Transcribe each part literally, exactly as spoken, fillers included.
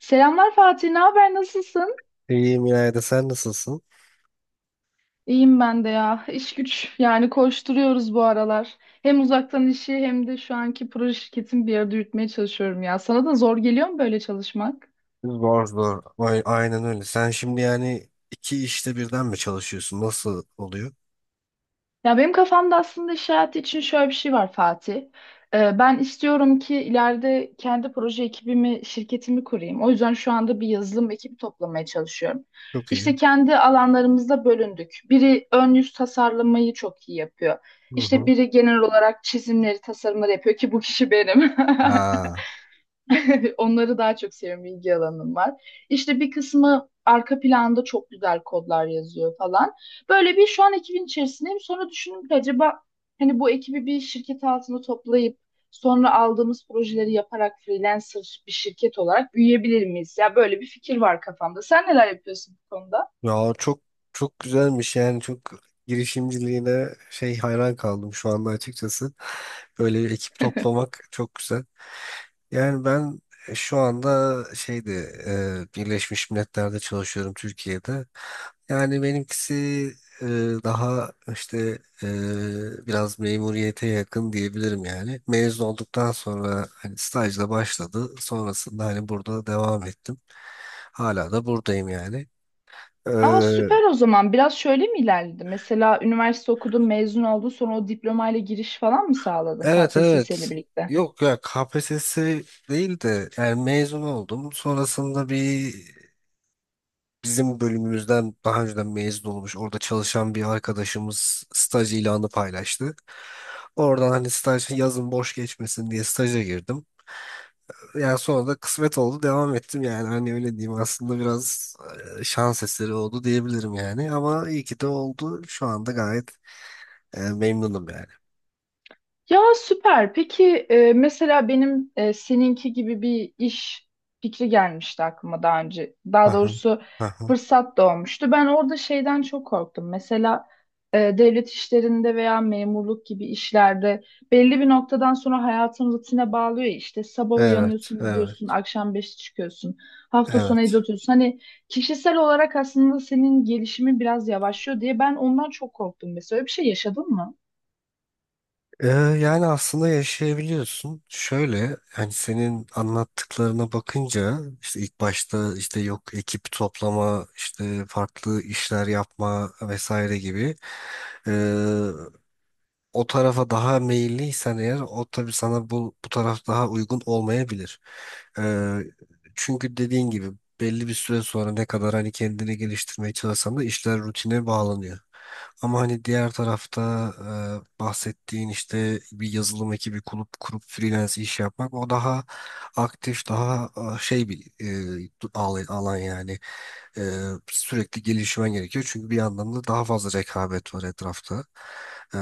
Selamlar Fatih, ne haber, nasılsın? İyiyim İlayda, sen nasılsın? İyiyim ben de ya. İş güç yani koşturuyoruz bu aralar. Hem uzaktan işi hem de şu anki proje şirketimi bir arada yürütmeye çalışıyorum ya. Sana da zor geliyor mu böyle çalışmak? Zor zor. Ay- aynen öyle. Sen şimdi yani iki işte birden mi çalışıyorsun? Nasıl oluyor? Ya benim kafamda aslında iş hayatı için şöyle bir şey var Fatih. Ee, ben istiyorum ki ileride kendi proje ekibimi, şirketimi kurayım. O yüzden şu anda bir yazılım ekibi toplamaya çalışıyorum. Çok iyi. İşte kendi alanlarımızda bölündük. Biri ön yüz tasarlamayı çok iyi yapıyor. Hı İşte hı. biri genel olarak çizimleri, tasarımları yapıyor ki bu kişi benim. Aa, Onları daha çok seviyorum. İlgi alanım var. İşte bir kısmı arka planda çok güzel kodlar yazıyor falan. Böyle bir şu an ekibin içerisindeyim. Sonra düşündüm ki acaba hani bu ekibi bir şirket altında toplayıp sonra aldığımız projeleri yaparak freelancer bir şirket olarak büyüyebilir miyiz? Ya böyle bir fikir var kafamda. Sen neler yapıyorsun bu konuda? ya çok çok güzelmiş yani çok Girişimciliğine şey hayran kaldım şu anda açıkçası. Böyle bir ekip toplamak çok güzel. Yani ben e, şu anda şeyde e, Birleşmiş Milletler'de çalışıyorum Türkiye'de. Yani benimkisi e, daha işte e, biraz memuriyete yakın diyebilirim yani. Mezun olduktan sonra hani stajla başladı. Sonrasında hani burada devam ettim. Hala da buradayım yani. E, Aa, süper o zaman. Biraz şöyle mi ilerledi? Mesela üniversite okudun, mezun oldun, sonra o diplomayla giriş falan mı sağladın evet, K P S S evet. ile birlikte? Yok ya K P S S değil de, yani mezun oldum. Sonrasında bir, bizim bölümümüzden daha önceden mezun olmuş orada çalışan bir arkadaşımız staj ilanı paylaştı. Oradan hani staj yazın boş geçmesin diye staja girdim. Yani sonra da kısmet oldu devam ettim yani, hani öyle diyeyim. Aslında biraz e, şans eseri oldu diyebilirim yani, ama iyi ki de oldu. Şu anda gayet e, memnunum yani. Ya süper. Peki e, mesela benim e, seninki gibi bir iş fikri gelmişti aklıma daha önce. Daha Aha, doğrusu aha. fırsat doğmuştu. Ben orada şeyden çok korktum. Mesela e, devlet işlerinde veya memurluk gibi işlerde belli bir noktadan sonra hayatın rutine bağlıyor ya. İşte sabah Evet, uyanıyorsun, evet, gidiyorsun, akşam beşte çıkıyorsun, hafta sonu evde evet. oturuyorsun. Hani kişisel olarak aslında senin gelişimin biraz yavaşlıyor diye ben ondan çok korktum. Mesela öyle bir şey yaşadın mı? Ee, yani aslında yaşayabiliyorsun. Şöyle, hani senin anlattıklarına bakınca işte ilk başta işte yok ekip toplama işte farklı işler yapma vesaire gibi, ee, o tarafa daha meyilliysen eğer o tabii sana bu, bu taraf daha uygun olmayabilir. Ee, çünkü dediğin gibi belli bir süre sonra ne kadar hani kendini geliştirmeye çalışsan da işler rutine bağlanıyor. Ama hani diğer tarafta e, bahsettiğin işte bir yazılım ekibi kurup kurup freelance iş yapmak, o daha aktif, daha e, şey bir e, alan alan yani. E, sürekli gelişmen gerekiyor çünkü bir yandan da daha fazla rekabet var etrafta. E,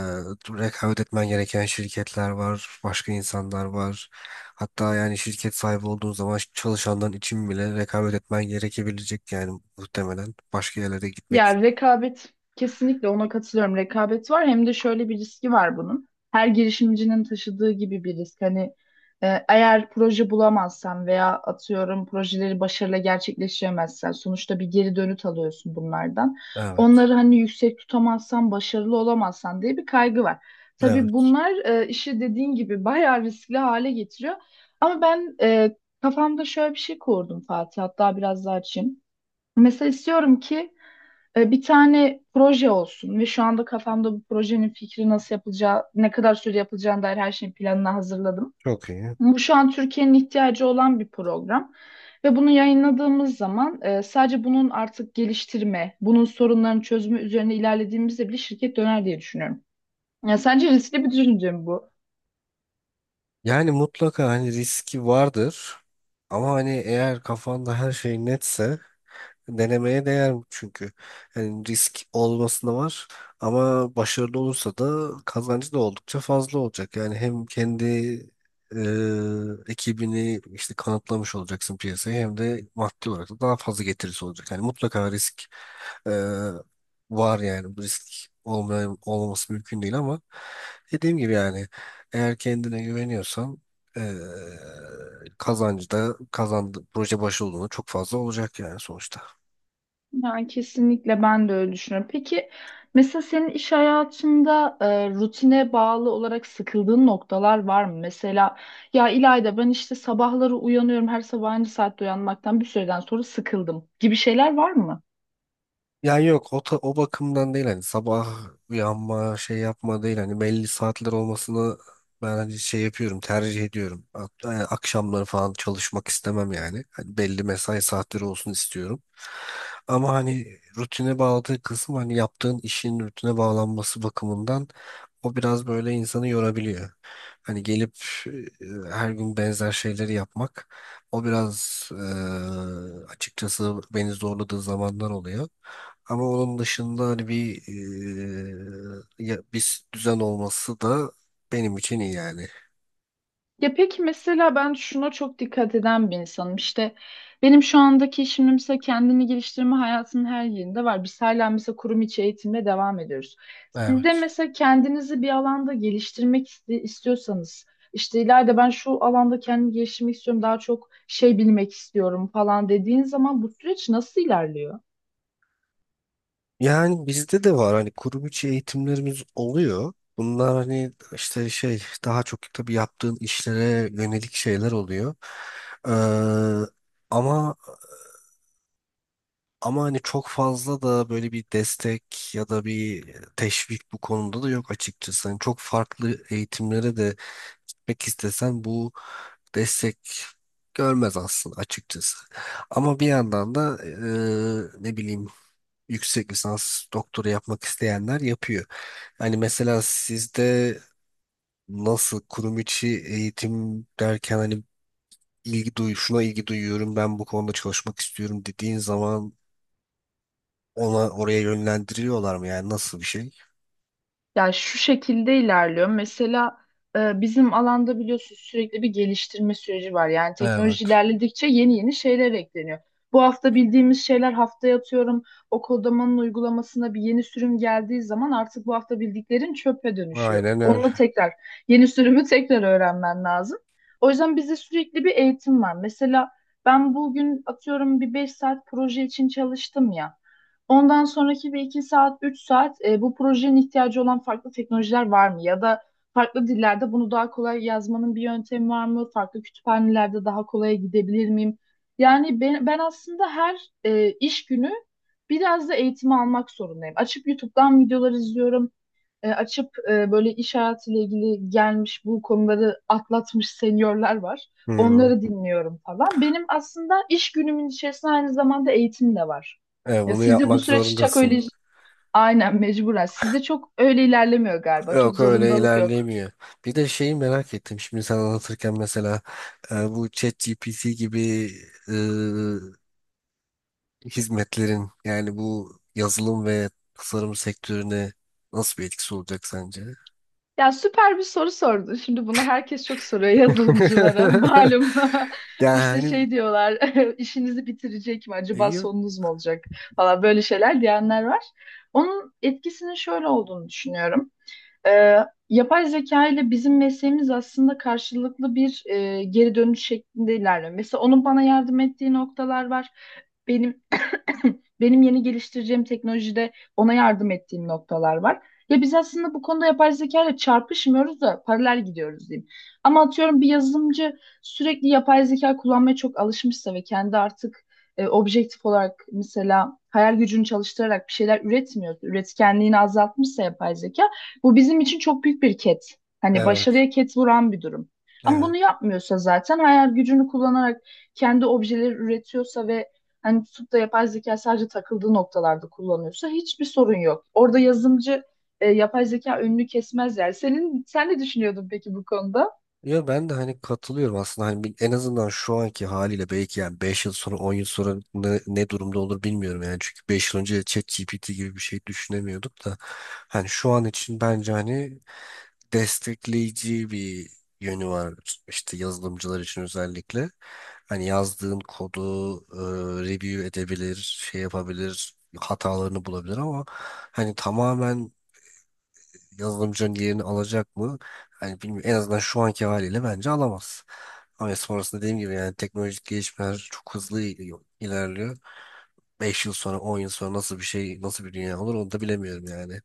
rekabet etmen gereken şirketler var, başka insanlar var. Hatta yani şirket sahibi olduğun zaman çalışanların için bile rekabet etmen gerekebilecek yani, muhtemelen başka yerlere gitmek. Ya rekabet, kesinlikle ona katılıyorum. Rekabet var, hem de şöyle bir riski var bunun. Her girişimcinin taşıdığı gibi bir risk. Hani e, eğer proje bulamazsan veya atıyorum projeleri başarıyla gerçekleştiremezsen sonuçta bir geri dönüt alıyorsun bunlardan. Evet. Onları hani yüksek tutamazsan, başarılı olamazsan diye bir kaygı var. Tabii Evet. bunlar e, işi dediğin gibi bayağı riskli hale getiriyor. Ama ben e, kafamda şöyle bir şey kurdum Fatih, hatta biraz daha açayım. Mesela istiyorum ki e, bir tane proje olsun ve şu anda kafamda bu projenin fikri, nasıl yapılacağı, ne kadar süre yapılacağına dair her şeyin planını hazırladım. Çok iyi. Bu şu an Türkiye'nin ihtiyacı olan bir program. Ve bunu yayınladığımız zaman e, sadece bunun artık geliştirme, bunun sorunların çözümü üzerine ilerlediğimizde bile şirket döner diye düşünüyorum. Ya sence riskli bir düşünce mi bu? Yani mutlaka hani riski vardır. Ama hani eğer kafanda her şey netse, denemeye değer çünkü. Yani risk olmasına var ama başarılı olursa da kazancı da oldukça fazla olacak. Yani hem kendi e, ekibini işte kanıtlamış olacaksın piyasaya, hem de maddi olarak da daha fazla getirisi olacak. Yani mutlaka risk e, var yani. Bu risk olmayan, olmaması mümkün değil, ama dediğim gibi yani, eğer kendine güveniyorsan e, kazancı da kazandı, proje başarılı olduğunda çok fazla olacak yani sonuçta. Yani kesinlikle ben de öyle düşünüyorum. Peki mesela senin iş hayatında e, rutine bağlı olarak sıkıldığın noktalar var mı? Mesela ya İlayda, ben işte sabahları uyanıyorum, her sabah aynı saatte uyanmaktan bir süreden sonra sıkıldım gibi şeyler var mı? Ya yok o, ta- o bakımdan değil, hani sabah uyanma şey yapma değil, hani belli saatler olmasını ben hani şey yapıyorum, tercih ediyorum. Hatta yani akşamları falan çalışmak istemem yani. Hani belli mesai saatleri olsun istiyorum. Ama hani rutine bağladığı kısım, hani yaptığın işin rutine bağlanması bakımından o biraz böyle insanı yorabiliyor. Hani gelip e, her gün benzer şeyleri yapmak, o biraz e, açıkçası beni zorladığı zamanlar oluyor. Ama onun dışında hani bir e, ya- bir düzen olması da benim için iyi yani. Ya peki, mesela ben şuna çok dikkat eden bir insanım. İşte benim şu andaki işim mesela, kendini geliştirme hayatımın her yerinde var. Biz hala mesela kurum içi eğitimle devam ediyoruz. Siz de Evet. mesela kendinizi bir alanda geliştirmek iste- istiyorsanız, işte ileride ben şu alanda kendimi geliştirmek istiyorum, daha çok şey bilmek istiyorum falan dediğin zaman bu süreç nasıl ilerliyor? Yani bizde de var hani, kurum içi eğitimlerimiz oluyor. Bunlar hani işte şey daha çok tabii yaptığın işlere yönelik şeyler oluyor. Ee, ama ama hani çok fazla da böyle bir destek ya da bir teşvik bu konuda da yok açıkçası. Hani çok farklı eğitimlere de gitmek istesen bu destek görmez aslında açıkçası. Ama bir yandan da e, ne bileyim, yüksek lisans doktora yapmak isteyenler yapıyor. Hani mesela sizde nasıl, kurum içi eğitim derken hani ilgi duy şuna ilgi duyuyorum ben, bu konuda çalışmak istiyorum dediğin zaman ona oraya yönlendiriyorlar mı, yani nasıl bir şey? Yani şu şekilde ilerliyor. Mesela e, bizim alanda biliyorsunuz sürekli bir geliştirme süreci var. Yani teknoloji Evet. ilerledikçe yeni yeni şeyler ekleniyor. Bu hafta bildiğimiz şeyler haftaya, atıyorum, o kodamanın uygulamasına bir yeni sürüm geldiği zaman artık bu hafta bildiklerin çöpe dönüşüyor. Aynen öyle. Onunla tekrar, yeni sürümü tekrar öğrenmen lazım. O yüzden bizde sürekli bir eğitim var. Mesela ben bugün atıyorum bir beş saat proje için çalıştım ya. Ondan sonraki bir iki saat, üç saat e, bu projenin ihtiyacı olan farklı teknolojiler var mı? Ya da farklı dillerde bunu daha kolay yazmanın bir yöntemi var mı? Farklı kütüphanelerde daha kolaya gidebilir miyim? Yani ben, ben aslında her e, iş günü biraz da eğitimi almak zorundayım. Açıp YouTube'dan videolar izliyorum, e, açıp, e, böyle iş hayatıyla ilgili gelmiş, bu konuları atlatmış seniorlar var. Hmm. Onları dinliyorum falan. Benim aslında iş günümün içerisinde aynı zamanda eğitim de var. Evet, Ya bunu sizde bu yapmak süreç çok öyle, zorundasın. aynen, mecburen. Sizde çok öyle ilerlemiyor galiba. Çok Yok öyle zorundalık yok. ilerleyemiyor. Bir de şeyi merak ettim. Şimdi sen anlatırken mesela e, bu ChatGPT gibi e, hizmetlerin yani bu yazılım ve tasarım sektörüne nasıl bir etkisi olacak sence? Ya süper bir soru sordun. Şimdi bunu herkes çok soruyor yazılımcılara. Malum. İşte Yani şey diyorlar, işinizi bitirecek mi acaba, yok. sonunuz mu olacak falan, böyle şeyler diyenler var. Onun etkisinin şöyle olduğunu düşünüyorum. Ee, yapay zeka ile bizim mesleğimiz aslında karşılıklı bir e, geri dönüş şeklinde ilerliyor. Mesela onun bana yardım ettiği noktalar var. Benim, benim yeni geliştireceğim teknolojide ona yardım ettiğim noktalar var. Ya biz aslında bu konuda yapay zeka ile çarpışmıyoruz da paralel gidiyoruz diyeyim. Ama atıyorum bir yazılımcı sürekli yapay zeka kullanmaya çok alışmışsa ve kendi artık e, objektif olarak, mesela hayal gücünü çalıştırarak bir şeyler üretmiyor, üretkenliğini azaltmışsa, yapay zeka bu bizim için çok büyük bir ket. Hani Evet. başarıya ket vuran bir durum. Ama bunu Evet. yapmıyorsa, zaten hayal gücünü kullanarak kendi objeleri üretiyorsa ve hani tutup da yapay zeka sadece takıldığı noktalarda kullanıyorsa, hiçbir sorun yok. Orada yazımcı, e, yapay zeka önünü kesmez yani. Senin, sen ne düşünüyordun peki bu konuda? Ya ben de hani katılıyorum aslında. Hani bir- en azından şu anki haliyle, belki yani beş yıl sonra on yıl sonra ne, ne durumda olur bilmiyorum yani, çünkü beş yıl önce ChatGPT gibi bir şey düşünemiyorduk da. Hani şu an için bence hani destekleyici bir yönü var işte, yazılımcılar için özellikle. Hani yazdığın kodu e, review edebilir, şey yapabilir, hatalarını bulabilir, ama hani tamamen yazılımcının yerini alacak mı? Hani bilmiyorum. En azından şu anki haliyle bence alamaz. Ama sonrasında dediğim gibi yani teknolojik gelişmeler çok hızlı il- ilerliyor. Beş yıl sonra on yıl sonra nasıl bir şey, nasıl bir dünya olur, onu da bilemiyorum yani.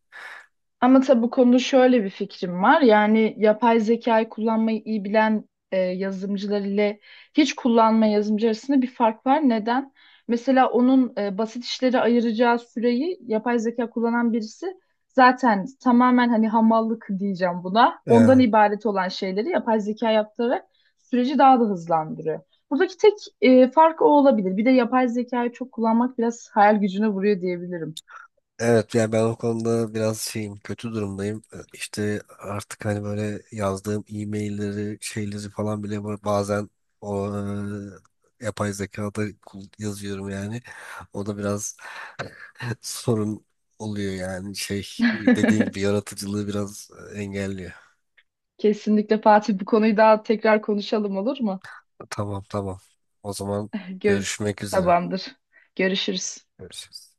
Ama tabii bu konuda şöyle bir fikrim var. Yani yapay zekayı kullanmayı iyi bilen e, yazılımcılar ile hiç kullanmayan yazılımcı arasında bir fark var. Neden? Mesela onun e, basit işleri ayıracağı süreyi yapay zeka kullanan birisi zaten tamamen, hani hamallık diyeceğim buna, ondan Ee, ibaret olan şeyleri yapay zeka yaptırarak süreci daha da hızlandırıyor. Buradaki tek e, fark o olabilir. Bir de yapay zekayı çok kullanmak biraz hayal gücüne vuruyor diyebilirim. Evet yani ben o konuda biraz şeyim, kötü durumdayım. Ee, İşte artık hani böyle yazdığım e-mailleri şeyleri falan bile ba- bazen o e, yapay zekada kul- yazıyorum yani. O da biraz sorun oluyor yani, şey dediğin gibi, yaratıcılığı biraz e, engelliyor. Kesinlikle Fatih, bu konuyu daha tekrar konuşalım olur mu? Tamam tamam. O zaman Gör görüşmek üzere. Tamamdır. Görüşürüz. Görüşürüz.